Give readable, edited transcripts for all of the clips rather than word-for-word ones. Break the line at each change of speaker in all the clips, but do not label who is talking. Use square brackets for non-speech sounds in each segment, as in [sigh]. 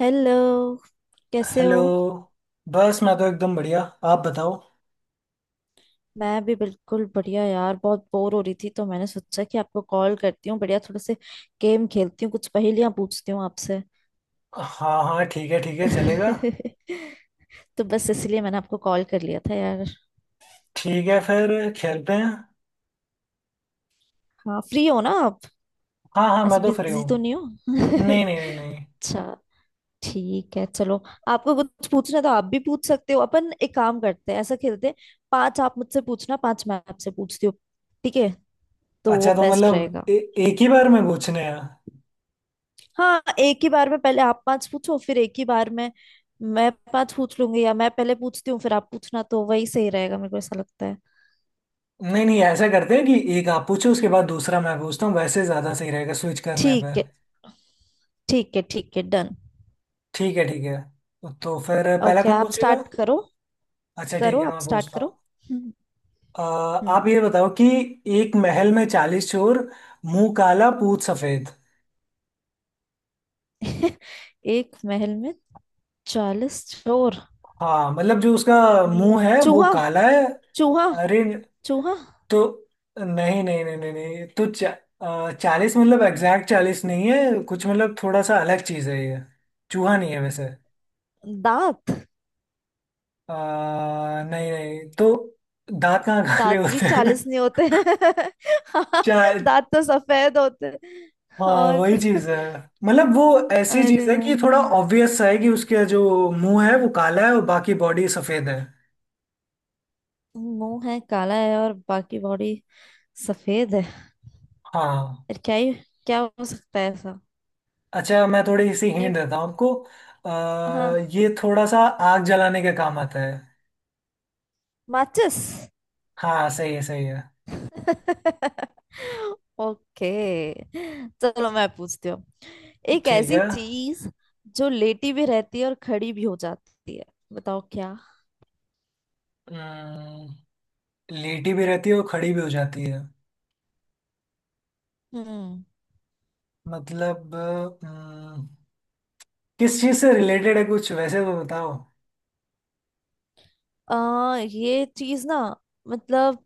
Hello. कैसे
hello.
हो?
बस मैं तो एकदम बढ़िया, आप बताओ।
मैं भी बिल्कुल बढ़िया यार, बहुत बोर हो रही थी तो मैंने सोचा कि आपको कॉल करती हूँ, बढ़िया थोड़े से गेम खेलती हूँ, कुछ पहेलियाँ पूछती हूँ आपसे।
हाँ हाँ, ठीक है ठीक है, चलेगा।
[laughs] तो बस इसलिए मैंने आपको कॉल कर लिया था यार।
ठीक है, फिर खेलते हैं।
हाँ, फ्री हो ना आप?
हाँ हाँ, मैं
ऐसे
तो फ्री
बिजी
हूँ।
तो नहीं हो? [laughs]
नहीं नहीं नहीं नहीं।
अच्छा, ठीक है, चलो। आपको कुछ पूछना है तो आप भी पूछ सकते हो। अपन एक काम करते हैं, ऐसा खेलते हैं, पांच आप मुझसे पूछना, पांच मैं आपसे पूछती हूँ। ठीक है, तो वो
अच्छा, तो
बेस्ट
मतलब
रहेगा।
एक ही बार में पूछने हैं?
हाँ, एक ही बार में पहले आप पांच पूछो, फिर एक ही बार में मैं पांच पूछ लूंगी। या मैं पहले पूछती हूँ, फिर आप पूछना, तो वही सही रहेगा, मेरे को ऐसा लगता है।
नहीं नहीं, ऐसा करते हैं कि एक आप पूछो, उसके बाद दूसरा मैं पूछता हूँ, वैसे ज़्यादा सही रहेगा स्विच करने पे।
ठीक है ठीक है, ठीक है, डन।
ठीक है ठीक है। तो फिर पहला
ओके,
कौन
आप
पूछेगा?
स्टार्ट करो।
अच्छा
करो,
ठीक है,
आप
मैं
स्टार्ट
पूछता हूँ।
करो। हम्म।
अ,
हम्म।
आप ये बताओ कि एक महल में 40 चोर, मुंह काला पूत सफेद।
[laughs] एक महल में 40 चोर।
हाँ, मतलब जो उसका मुंह है वो
चूहा।
काला है।
चूहा।
अरे,
चूहा।
तो नहीं नहीं नहीं नहीं नहीं, तो 40 मतलब एग्जैक्ट 40 नहीं है कुछ, मतलब थोड़ा सा अलग चीज है ये। चूहा नहीं है वैसे।
दांत।
आ, नहीं नहीं, तो दांत कहाँ काले
दांत भी
होते हैं?
40 नहीं होते हैं।
[laughs] चा,
[laughs] दांत तो सफेद होते हैं।
हाँ
और
वही चीज है,
[laughs]
मतलब वो ऐसी
अरे
चीज है कि थोड़ा
यार,
ऑब्वियस है कि उसका जो मुंह है वो काला है और बाकी बॉडी सफेद है।
मुंह है काला है और बाकी बॉडी सफेद है।
हाँ।
यार, क्या ही, क्या हो सकता है ऐसा?
अच्छा, मैं थोड़ी सी
नहीं।
हिंट देता हूँ आपको।
हाँ,
ये थोड़ा सा आग जलाने के काम आता है।
माचिस।
हाँ सही है सही है।
[laughs] ओके, चलो मैं पूछती हूँ। एक
ठीक
ऐसी
है।
चीज जो लेटी भी रहती है और खड़ी भी हो जाती है, बताओ क्या?
अम्म, लेटी भी रहती है और खड़ी भी हो जाती है,
हम्म।
मतलब अम्म, किस चीज से रिलेटेड है कुछ, वैसे तो बताओ।
ये चीज ना, मतलब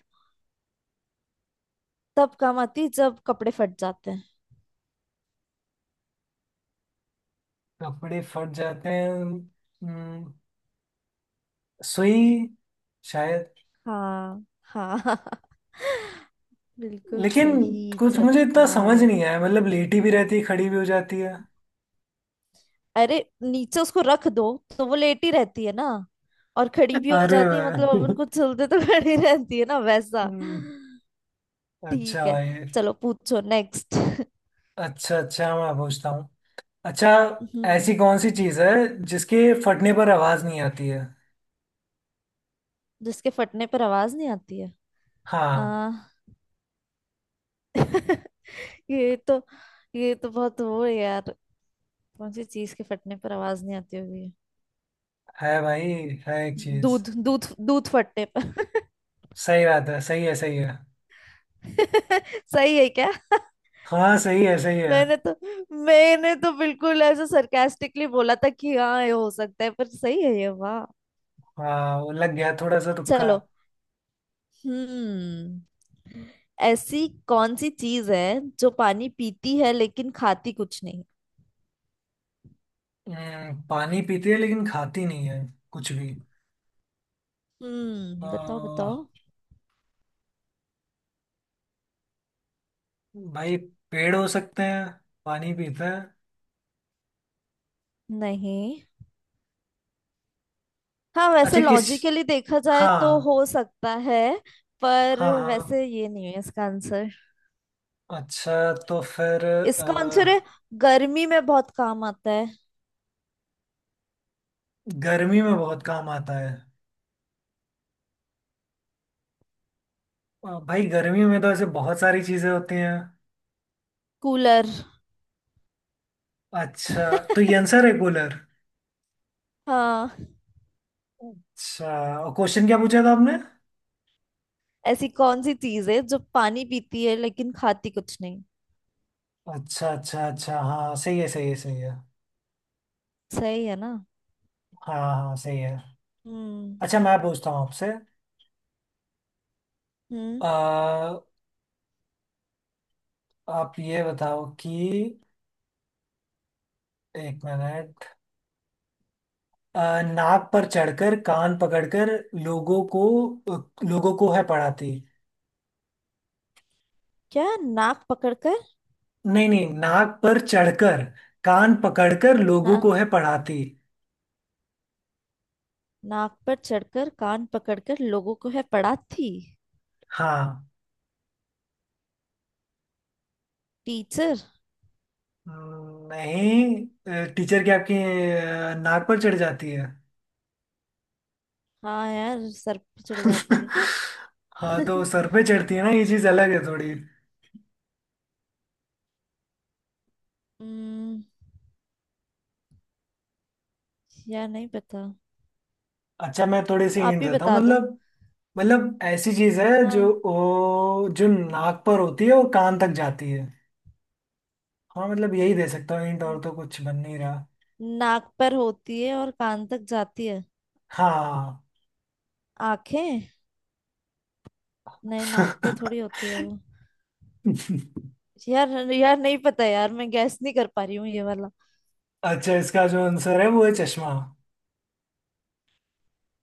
तब काम आती है जब कपड़े फट जाते हैं।
कपड़े फट जाते हैं, सुई शायद।
हाँ। हाँ। [laughs] बिल्कुल
लेकिन
सही
कुछ मुझे इतना समझ
जवाब।
नहीं आया, मतलब लेटी भी रहती है खड़ी भी हो जाती है।
अरे नीचे उसको रख दो तो वो लेटी रहती है ना, और खड़ी भी हो
अरे
जाती है मतलब
वाह। [laughs]
अपन कुछ चलते तो [laughs] खड़ी रहती है ना, वैसा।
अम्म, अच्छा
ठीक है,
भाई।
चलो पूछो नेक्स्ट।
अच्छा अच्छा, मैं पूछता हूँ। अच्छा, ऐसी
हम्म।
कौन सी चीज है जिसके फटने पर आवाज नहीं आती है?
जिसके फटने पर आवाज नहीं आती है।
हाँ,
आ, ये तो ये तो बहुत वो है यार, कौन सी चीज के फटने पर आवाज नहीं आती होगी?
है भाई, है एक चीज।
दूध, दूध, दूध फटने पर।
सही बात है, सही है सही है।
[laughs] सही है क्या? [laughs]
हाँ सही है सही है।
मैंने तो मैंने तो बिल्कुल ऐसे सरकास्टिकली बोला था कि हाँ, ये हो सकता है, पर सही है ये, वाह।
हाँ, वो लग गया थोड़ा सा तुक्का।
चलो। हम्म। ऐसी कौन सी चीज है जो पानी पीती है लेकिन खाती कुछ नहीं?
पानी पीती है लेकिन खाती नहीं है कुछ भी?
हम्म, बताओ
आ,
बताओ।
भाई, पेड़ हो सकते हैं, पानी पीते हैं।
नहीं। हाँ वैसे
अच्छा किस?
लॉजिकली देखा जाए
हाँ
तो हो सकता है, पर
हाँ हाँ।
वैसे ये नहीं है इसका आंसर।
अच्छा, तो फिर
इसका आंसर है गर्मी में बहुत काम आता है।
गर्मी में बहुत काम आता है। भाई, गर्मियों में तो ऐसे बहुत सारी चीजें होती हैं।
कूलर।
अच्छा, तो ये आंसर है कूलर।
हाँ।
अच्छा, और क्वेश्चन क्या पूछा था आपने?
ऐसी कौन सी चीज है जो पानी पीती है लेकिन खाती कुछ नहीं?
अच्छा अच्छा अच्छा, हाँ सही है सही है सही है।
सही है ना?
हाँ हाँ सही है।
हम्म।
अच्छा, मैं पूछता हूँ आपसे।
हम्म।
आ, आप ये बताओ कि, एक मिनट। नाक पर चढ़कर कान पकड़कर लोगों को लोगों को है पढ़ाती।
क्या? नाक पकड़कर?
नहीं नहीं, नाक पर चढ़कर कान पकड़कर लोगों को
हाँ,
है पढ़ाती।
नाक पर चढ़कर कान पकड़कर लोगों को है पढ़ाती।
हाँ।
टीचर।
नहीं, टीचर की आपकी नाक पर चढ़ जाती है?
हाँ यार, सर पे चढ़ जाती है।
[laughs] हाँ, तो
[laughs]
सर पे चढ़ती है ना, ये चीज अलग है थोड़ी।
हम्म, यार नहीं पता,
अच्छा, मैं थोड़ी सी
आप
हिंट
ही
देता हूँ,
बता दो।
मतलब ऐसी चीज है जो
हाँ,
वो जो नाक पर होती है वो कान तक जाती है। हाँ, मतलब यही दे सकता हूँ हिंट, और तो कुछ बन नहीं रहा।
नाक पर होती है और कान तक जाती है।
हाँ।
आंखें। नहीं, नाक पे थोड़ी
[laughs]
होती है वो। यार यार, नहीं पता यार, मैं गैस नहीं कर पा रही हूँ ये वाला।
अच्छा, इसका जो आंसर है वो है चश्मा।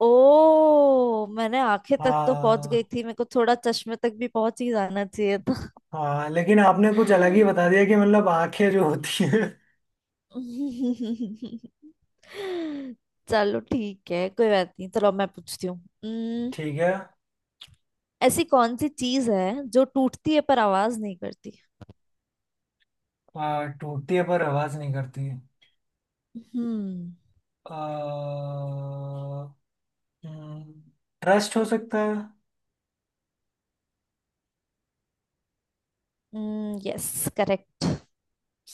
ओ, मैंने आंखें तक तो पहुंच
हाँ
गई थी, मेरे को थोड़ा चश्मे तक भी पहुंच ही जाना चाहिए था।
हाँ, लेकिन आपने कुछ अलग ही बता
[laughs]
दिया कि मतलब आंखें जो होती है।
[laughs] चलो ठीक है, कोई बात नहीं, चलो अब मैं पूछती हूँ। हम्म,
ठीक है।
ऐसी कौन सी चीज है जो टूटती है पर आवाज नहीं करती?
टूटती है पर आवाज नहीं करती?
हम्म।
आ, हम्म, ट्रस्ट हो सकता है।
Yes, correct.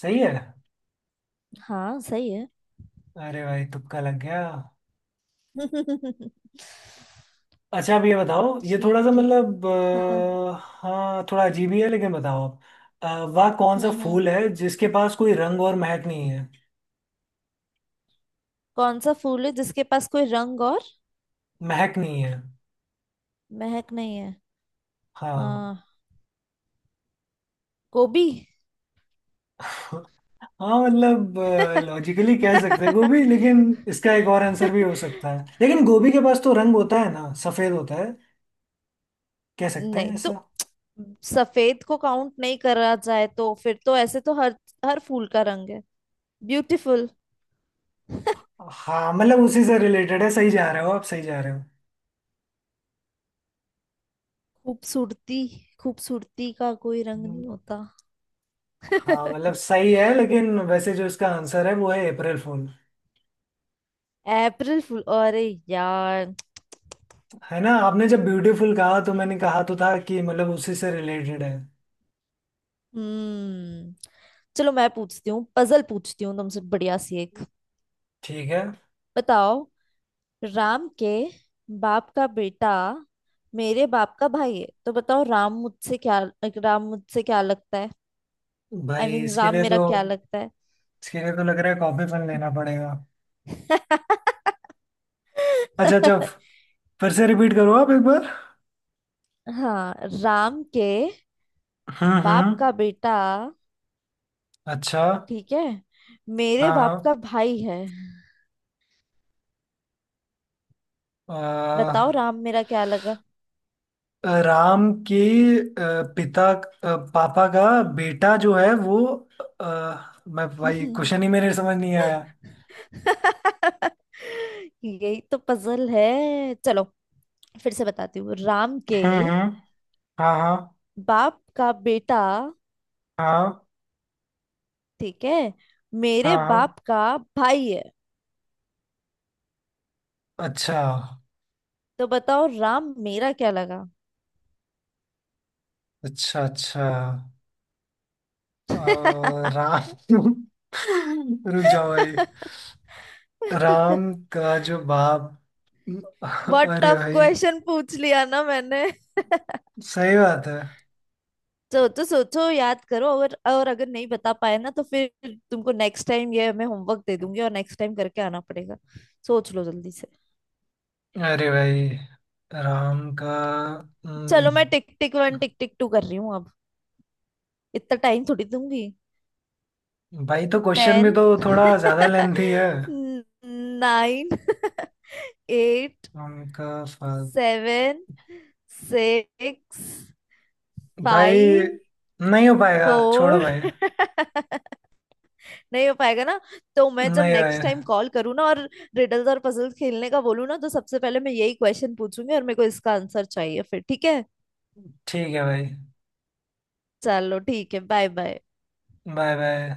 सही है।
हाँ, सही है।
अरे भाई, तुक्का लग गया।
[laughs]
अच्छा, अब ये बताओ, ये थोड़ा सा
ठीक है।
मतलब
हाँ।
हाँ थोड़ा अजीब ही है, लेकिन बताओ आप। वह कौन
हम्म
सा
हम्म
फूल है जिसके पास कोई रंग और महक नहीं है?
कौन सा फूल है जिसके पास कोई रंग और
महक नहीं है।
महक नहीं है?
हाँ।
आ, गोभी।
हाँ मतलब, लॉजिकली कह सकते हैं
[laughs]
गोभी, लेकिन इसका एक और आंसर भी हो सकता है, लेकिन गोभी के पास तो रंग होता है ना, सफेद होता है कह सकते
नहीं
हैं।
तो, सफेद को काउंट नहीं करा जाए तो फिर तो ऐसे तो हर हर फूल का रंग है ब्यूटीफुल।
हाँ मतलब, उसी से रिलेटेड है, सही जा रहे हो आप, सही जा रहे हो।
खूबसूरती खूबसूरती का कोई रंग
हम्म,
नहीं होता।
हाँ मतलब,
[laughs]
सही है लेकिन वैसे जो इसका आंसर है वो है अप्रैल फूल।
अप्रैल फूल? अरे यार।
है ना, आपने जब ब्यूटीफुल कहा तो मैंने कहा तो था कि मतलब उसी से रिलेटेड है।
हम्म। चलो, मैं पूछती हूँ, पजल पूछती हूँ तुमसे बढ़िया सी एक,
ठीक है।
बताओ। राम के बाप का बेटा मेरे बाप का भाई है तो बताओ राम मुझसे क्या लगता है? आई I
भाई
मीन mean,
इसके
राम
लिए
मेरा
तो
क्या लगता है?
इसके लिए तो लग रहा है कॉपी पेन लेना पड़ेगा। अच्छा अच्छा, फिर से रिपीट करो आप एक बार।
हाँ, राम के बाप
हम्म।
का बेटा,
अच्छा।
ठीक है, मेरे बाप
हाँ
का भाई है, बताओ
हाँ।
राम मेरा क्या लगा?
राम के पिता पापा का बेटा जो है वो, मैं भाई क्वेश्चन ही
[laughs]
मेरे समझ नहीं आया।
यही तो पजल है, चलो फिर से बताती हूँ। राम के
हम्म। हाँ हाँ।
बाप का बेटा,
हाँ
ठीक है, मेरे
हाँ हाँ।
बाप का भाई है,
अच्छा
तो बताओ राम मेरा क्या लगा?
अच्छा अच्छा, अ, राम, [laughs] रुक जाओ भाई। राम
[laughs]
का जो बाप,
बहुत
अरे
टफ
भाई,
क्वेश्चन पूछ लिया ना मैंने? [laughs]
सही बात है।
सोचो सोचो, याद करो, और अगर नहीं बता पाए ना तो फिर तुमको नेक्स्ट टाइम ये मैं होमवर्क दे दूंगी और नेक्स्ट टाइम करके आना पड़ेगा। सोच लो जल्दी से।
अरे भाई, राम का हम्म,
चलो, मैं tick tick one tick tick two कर रही हूँ अब, इतना टाइम थोड़ी दूंगी।
भाई तो क्वेश्चन
10,
भी तो थोड़ा ज्यादा लेंथी है।
नाइन, एट,
उनका फर्क,
सेवन, सिक्स,
भाई
फाइव,
नहीं हो पाएगा, छोड़ो
फोर।
भाई।
[laughs] नहीं हो पाएगा ना, तो मैं जब
नहीं भाई।
नेक्स्ट टाइम कॉल करूँ ना और रिडल्स और पजल्स खेलने का बोलूँ ना तो सबसे पहले मैं यही क्वेश्चन पूछूंगी और मेरे को इसका आंसर चाहिए फिर, ठीक है?
ठीक है भाई।
चलो ठीक है, बाय बाय।
Bye bye.